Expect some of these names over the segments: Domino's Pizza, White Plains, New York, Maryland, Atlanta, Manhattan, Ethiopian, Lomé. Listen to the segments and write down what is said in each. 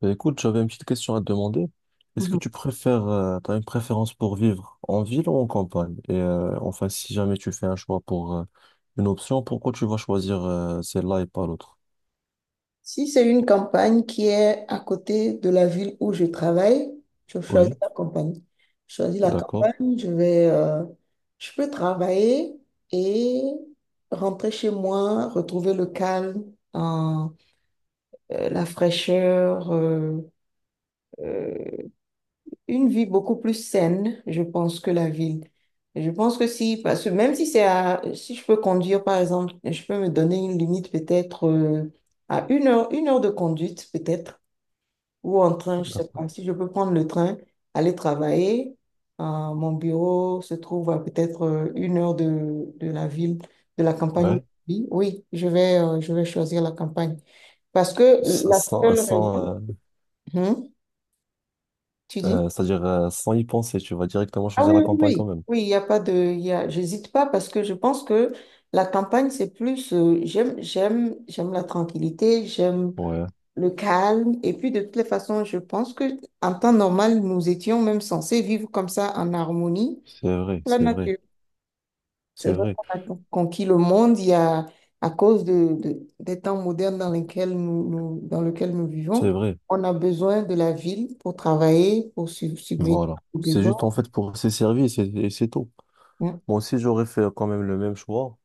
Bah, écoute, j'avais une petite question à te demander. Est-ce que Mhm. tu préfères, t'as une préférence pour vivre en ville ou en campagne? Et enfin, si jamais tu fais un choix pour une option, pourquoi tu vas choisir celle-là et pas l'autre? Si c'est une campagne qui est à côté de la ville où je travaille, je choisis Oui, la campagne. Je choisis la d'accord. campagne, je vais, je peux travailler et rentrer chez moi, retrouver le calme, hein, la fraîcheur. Euh, une vie beaucoup plus saine, je pense, que la ville. Je pense que si, parce que même si c'est à, si je peux conduire, par exemple, je peux me donner une limite peut-être à une heure de conduite peut-être, ou en train, je sais pas, si je peux prendre le train, aller travailler, euh, mon bureau se trouve à peut-être une heure de la ville, de la campagne où Ouais. je vis. Oui, je vais choisir la campagne. Parce que Sans, la sans, seule raison, sans, euh, Hum, tu dis? euh, c'est-à-dire sans y penser, tu vas directement Ah oui, choisir la oui, campagne quand oui, même. oui, il y a pas de, il y a, j'hésite pas parce que je pense que la campagne, c'est plus, j'aime la tranquillité, j'aime Ouais, le calme. Et puis, de toutes les façons, je pense que en temps normal, nous étions même censés vivre comme ça en harmonie, c'est vrai, avec la c'est vrai, nature. c'est C'est vrai vrai, qu'on a conquis le monde, il y a, à cause des temps modernes dans lesquels dans lesquels nous vivons, c'est vrai. on a besoin de la ville pour travailler, pour subvenir Voilà. aux C'est juste besoins. en fait pour ses services et c'est tout. Mm. Moi aussi, j'aurais fait quand même le même choix.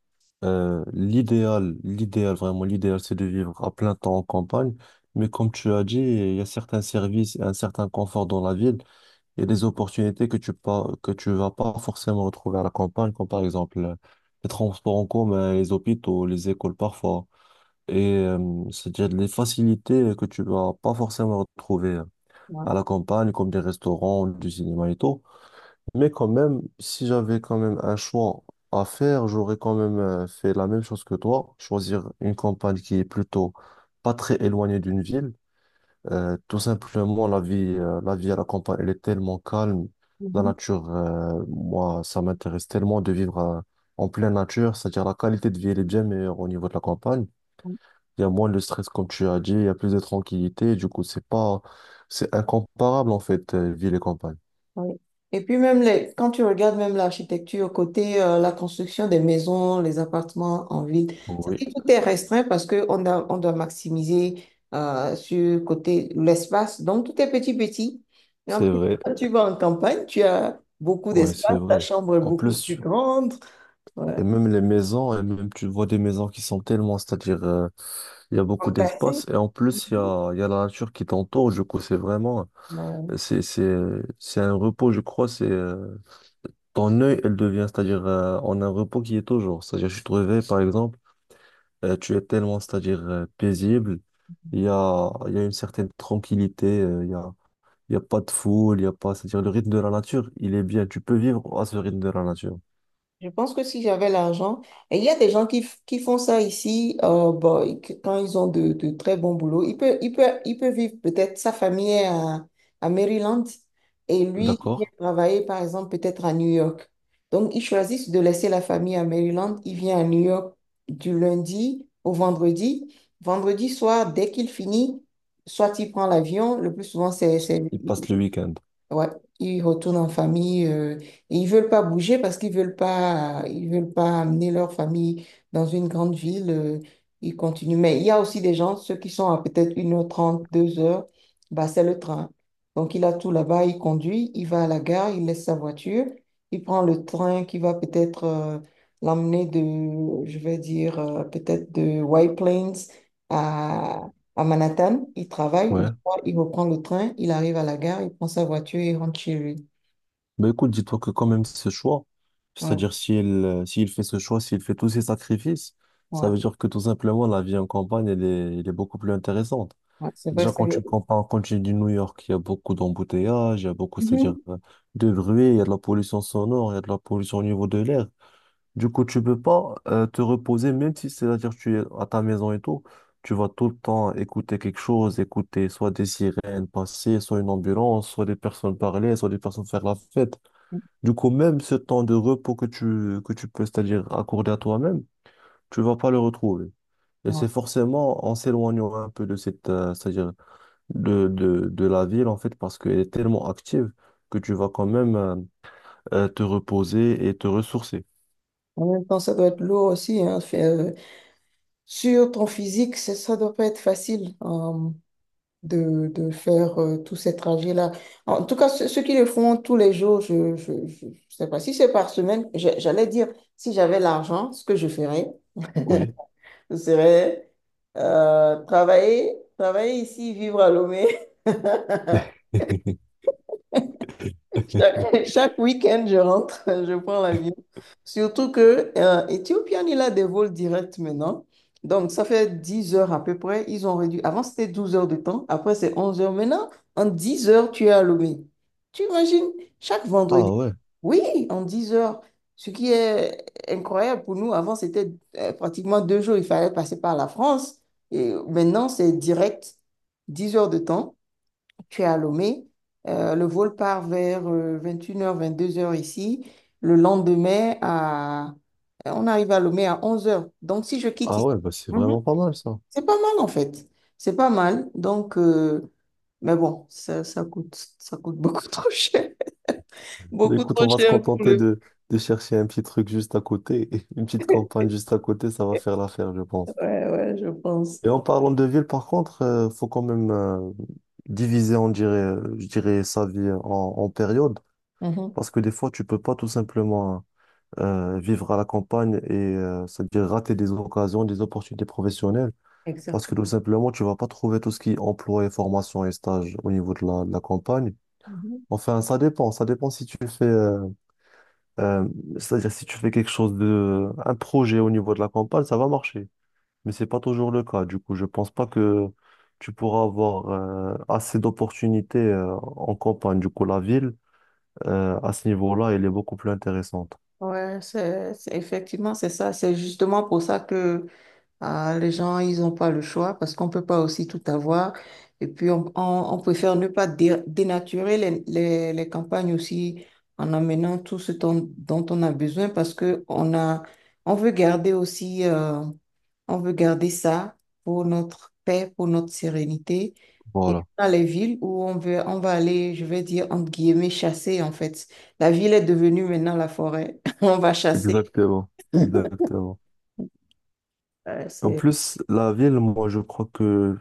Vraiment, l'idéal, c'est de vivre à plein temps en campagne. Mais comme tu as dit, il y a certains services et un certain confort dans la ville et des opportunités que tu vas pas forcément retrouver à la campagne, comme par exemple les transports en commun, les hôpitaux, les écoles parfois. Et c'est-à-dire les facilités que tu vas pas forcément retrouver Ouais. à la campagne, comme des restaurants, du cinéma et tout. Mais quand même, si j'avais quand même un choix à faire, j'aurais quand même fait la même chose que toi, choisir une campagne qui est plutôt pas très éloignée d'une ville. Tout simplement, la vie à la campagne, elle est tellement calme. Mhm. Moi, ça m'intéresse tellement de vivre en pleine nature. C'est-à-dire, la qualité de vie, elle est bien meilleure au niveau de la campagne. Il y a moins de stress, comme tu as dit, il y a plus de tranquillité. Du coup, c'est pas, c'est incomparable, en fait, ville et campagne. Oui. Et puis même les, quand tu regardes même l'architecture, côté la construction des maisons, les appartements en ville, Oui, c'est vrai tout est restreint parce que on a, on doit maximiser sur côté l'espace. Donc tout est petit petit. Et c'est vrai. quand tu vas en campagne, tu as beaucoup Ouais, c'est d'espace, ta vrai. chambre est En beaucoup plus, plus tu- grande. Ouais. et même les maisons, et même tu vois des maisons qui sont tellement, c'est-à-dire, il y a beaucoup d'espace, Fantastique. et en plus, Mhm. Il y a la nature qui t'entoure, du coup, c'est vraiment, Ouais. c'est, c'est, c'est un repos, je crois, ton œil, elle devient, c'est-à-dire, on a un repos qui est toujours, c'est-à-dire, tu te réveilles, par exemple, tu es tellement, c'est-à-dire, paisible, il y a une certaine tranquillité, il y a pas de foule, il y a pas, c'est-à-dire, le rythme de la nature, il est bien, tu peux vivre à ce rythme de la nature. Je pense que si j'avais l'argent, et il y a des gens qui, qui font ça ici, bon, quand ils ont de très bons boulots, il peut vivre peut-être sa famille est à Maryland et lui, il vient D'accord? travailler par exemple peut-être à New York. Donc, ils choisissent de laisser la famille à Maryland, il vient à New York du lundi au vendredi. Vendredi soir, dès qu'il finit, soit il prend l'avion, le plus souvent Il passe le week-end. ouais, ils retournent en famille et ils veulent pas bouger parce qu'ils veulent pas, ils veulent pas amener leur famille dans une grande ville. Ils continuent. Mais il y a aussi des gens, ceux qui sont à peut être une heure trente deux heures, bah, c'est le train. Donc il a tout là-bas, il conduit, il va à la gare, il laisse sa voiture, il prend le train qui va peut-être l'emmener de, je vais dire, peut-être de White Plains à, à Manhattan. Il travaille. Ouais. Il reprend le train, il arrive à la gare, il prend sa voiture et il rentre chez lui. Bah écoute, dis-toi que quand même ce choix, Ouais, c'est-à-dire s'il fait ce choix, s'il fait tous ces sacrifices, ça ouais, veut dire que tout simplement la vie en campagne, elle est beaucoup plus intéressante. ouais, c'est vrai, Déjà, c'est... quand tu me compares, quand tu dis New York, il y a beaucoup d'embouteillages, il y a beaucoup, c'est-à-dire Mhm. De bruit, il y a de la pollution sonore, il y a de la pollution au niveau de l'air. Du coup, tu peux pas te reposer, même si c'est-à-dire tu es à ta maison et tout, tu vas tout le temps écouter quelque chose, écouter soit des sirènes passer, soit une ambulance, soit des personnes parler, soit des personnes faire la fête. Du coup, même ce temps de repos que tu peux, c'est-à-dire accorder à toi-même, tu vas pas le retrouver. Et Ouais. c'est forcément en s'éloignant un peu de cette, c'est-à-dire de la ville, en fait, parce qu'elle est tellement active que tu vas quand même te reposer et te ressourcer. En même temps, ça doit être lourd aussi, hein, faire, sur ton physique, ça doit pas être facile de faire tous ces trajets-là. En tout cas, ceux qui le font tous les jours, je sais pas si c'est par semaine, j'allais dire, si j'avais l'argent, ce que je ferais, Oui. ce serait travailler ici, vivre à Lomé. Chaque week-end, je rentre, je prends l'avion. Surtout que Ethiopian, il a des vols directs maintenant. Donc, ça fait 10 heures à peu près. Ils ont réduit. Avant, c'était 12 heures de temps. Après, c'est 11 heures. Maintenant, en 10 heures, tu es à Lomé. Tu imagines, chaque Ah vendredi. ouais, Oui, en 10 heures. Ce qui est incroyable pour nous. Avant, c'était pratiquement deux jours. Il fallait passer par la France. Et maintenant, c'est direct, 10 heures de temps, tu es à Lomé. Le vol part vers 21h, 22h ici. Le lendemain, à... on arrive à Lomé à 11h. Donc, si je quitte ah ici, ouais, bah c'est Mhm. vraiment pas mal ça. C'est pas mal en fait. C'est pas mal. Donc, mais bon, ça coûte beaucoup trop cher. Mais Beaucoup écoute, trop on va se cher pour contenter le de chercher un petit truc juste à côté, une petite campagne juste à côté, ça va faire l'affaire, je pense. faire. Ouais, ouais, je pense. Et en parlant de ville, par contre, faut quand même diviser, on dirait, je dirais, en périodes, Mhm. parce que des fois, tu peux pas tout simplement vivre à la campagne et c'est-à-dire rater des occasions, des opportunités professionnelles, parce Exact. que tout simplement, tu vas pas trouver tout ce qui est emploi et formation et stage au niveau de de la campagne. Mhm. Enfin, ça dépend si tu fais, euh, c'est-à-dire si tu fais quelque chose de, un projet au niveau de la campagne, ça va marcher mais c'est pas toujours le cas. Du coup, je pense pas que tu pourras avoir assez d'opportunités en campagne. Du coup, la ville, à ce niveau-là, elle est beaucoup plus intéressante. Ouais, effectivement, c'est ça. C'est justement pour ça que ah, les gens, ils n'ont pas le choix parce qu'on ne peut pas aussi tout avoir. Et puis, on préfère ne pas dénaturer les, les campagnes aussi en amenant tout ce dont on a besoin parce que on a, on veut garder aussi, on veut garder ça pour notre paix, pour notre sérénité. Et Voilà, dans les villes où on veut, on va aller, je vais dire, entre guillemets, chasser en fait. La ville est devenue maintenant la forêt. On va chasser. exactement. Exactement. En c'est... plus, la ville, moi, je crois que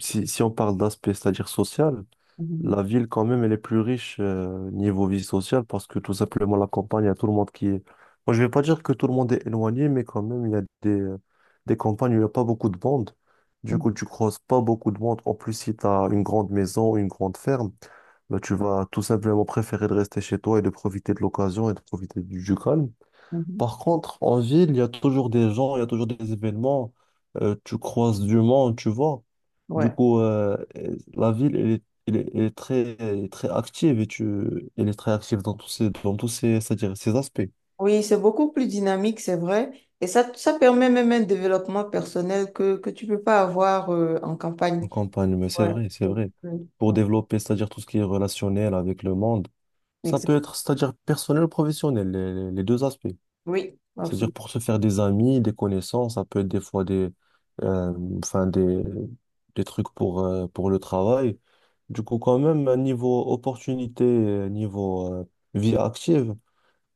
si on parle d'aspect, c'est-à-dire social, Mhm, la ville, quand même, elle est plus riche niveau vie sociale parce que tout simplement, la campagne, il y a tout le monde qui est. Moi, je vais pas dire que tout le monde est éloigné, mais quand même, il y a des campagnes où il n'y a pas beaucoup de monde. Du mhm, coup, tu croises pas beaucoup de monde. En plus, si tu as une grande maison, une grande ferme, bah, tu vas tout simplement préférer de rester chez toi et de profiter de l'occasion et de profiter du calme. mhm. Par contre, en ville, il y a toujours des gens, il y a toujours des événements, tu croises du monde, tu vois. Du Ouais. coup, euh, la ville, elle est très active elle est très active dans tous ces, c'est-à-dire ces aspects. Oui, c'est beaucoup plus dynamique, c'est vrai. Et ça permet même un développement personnel que tu peux pas avoir en campagne. En campagne, mais c'est Ouais. vrai, c'est vrai. Mm. Pour Ouais. développer, c'est-à-dire tout ce qui est relationnel avec le monde, ça peut Exact. être, c'est-à-dire personnel ou professionnel, les deux aspects. Oui, C'est-à-dire absolument. pour se faire des amis, des connaissances, ça peut être des fois des, euh, enfin des trucs pour le travail. Du coup, quand même, niveau opportunité, niveau vie active,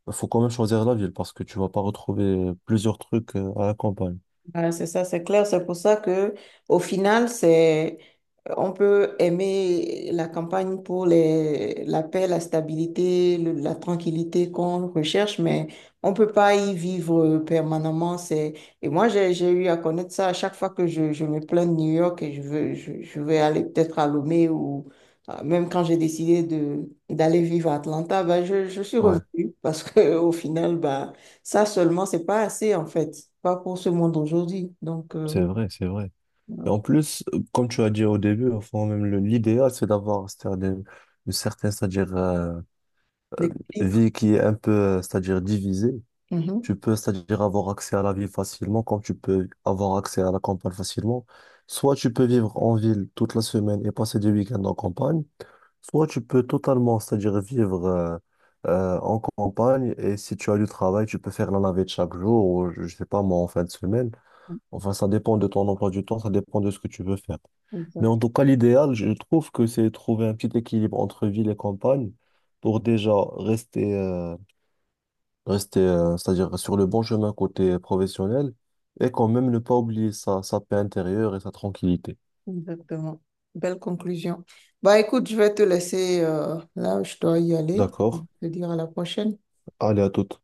il faut quand même choisir la ville parce que tu vas pas retrouver plusieurs trucs à la campagne. Ouais, c'est ça, c'est clair. C'est pour ça que, au final, c'est, on peut aimer la campagne pour les, la paix, la stabilité, la tranquillité qu'on recherche, mais on peut pas y vivre permanemment. C'est, et moi, j'ai eu à connaître ça à chaque fois que je me plains de New York et je vais aller peut-être à Lomé ou même quand j'ai décidé d'aller vivre à Atlanta, bah, je suis Ouais, revenue parce que, au final, bah, ça seulement, c'est pas assez en fait, pas pour ce monde aujourd'hui. Donc, c'est vrai, c'est vrai. Et en plus, comme tu as dit au début, enfin, même l'idéal, c'est d'avoir une certaine, l'équilibre. vie qui est un peu, c'est-à-dire divisée. Mhm. Tu peux, c'est-à-dire avoir accès à la ville facilement, comme tu peux avoir accès à la campagne facilement. Soit tu peux vivre en ville toute la semaine et passer des week-ends en campagne, soit tu peux totalement, c'est-à-dire vivre en campagne et si tu as du travail, tu peux faire la navette chaque jour ou je sais pas moi en fin de semaine. Enfin, ça dépend de ton emploi du temps, ça dépend de ce que tu veux faire. Mais en Exact- tout cas, l'idéal, je trouve que c'est trouver un petit équilibre entre ville et campagne pour déjà rester, c'est-à-dire sur le bon chemin côté professionnel et quand même ne pas oublier sa paix intérieure et sa tranquillité. Exactement. Belle conclusion. Bah écoute, je vais te laisser, là, je dois y aller. Je D'accord? te dire à la prochaine. Allez, à toute.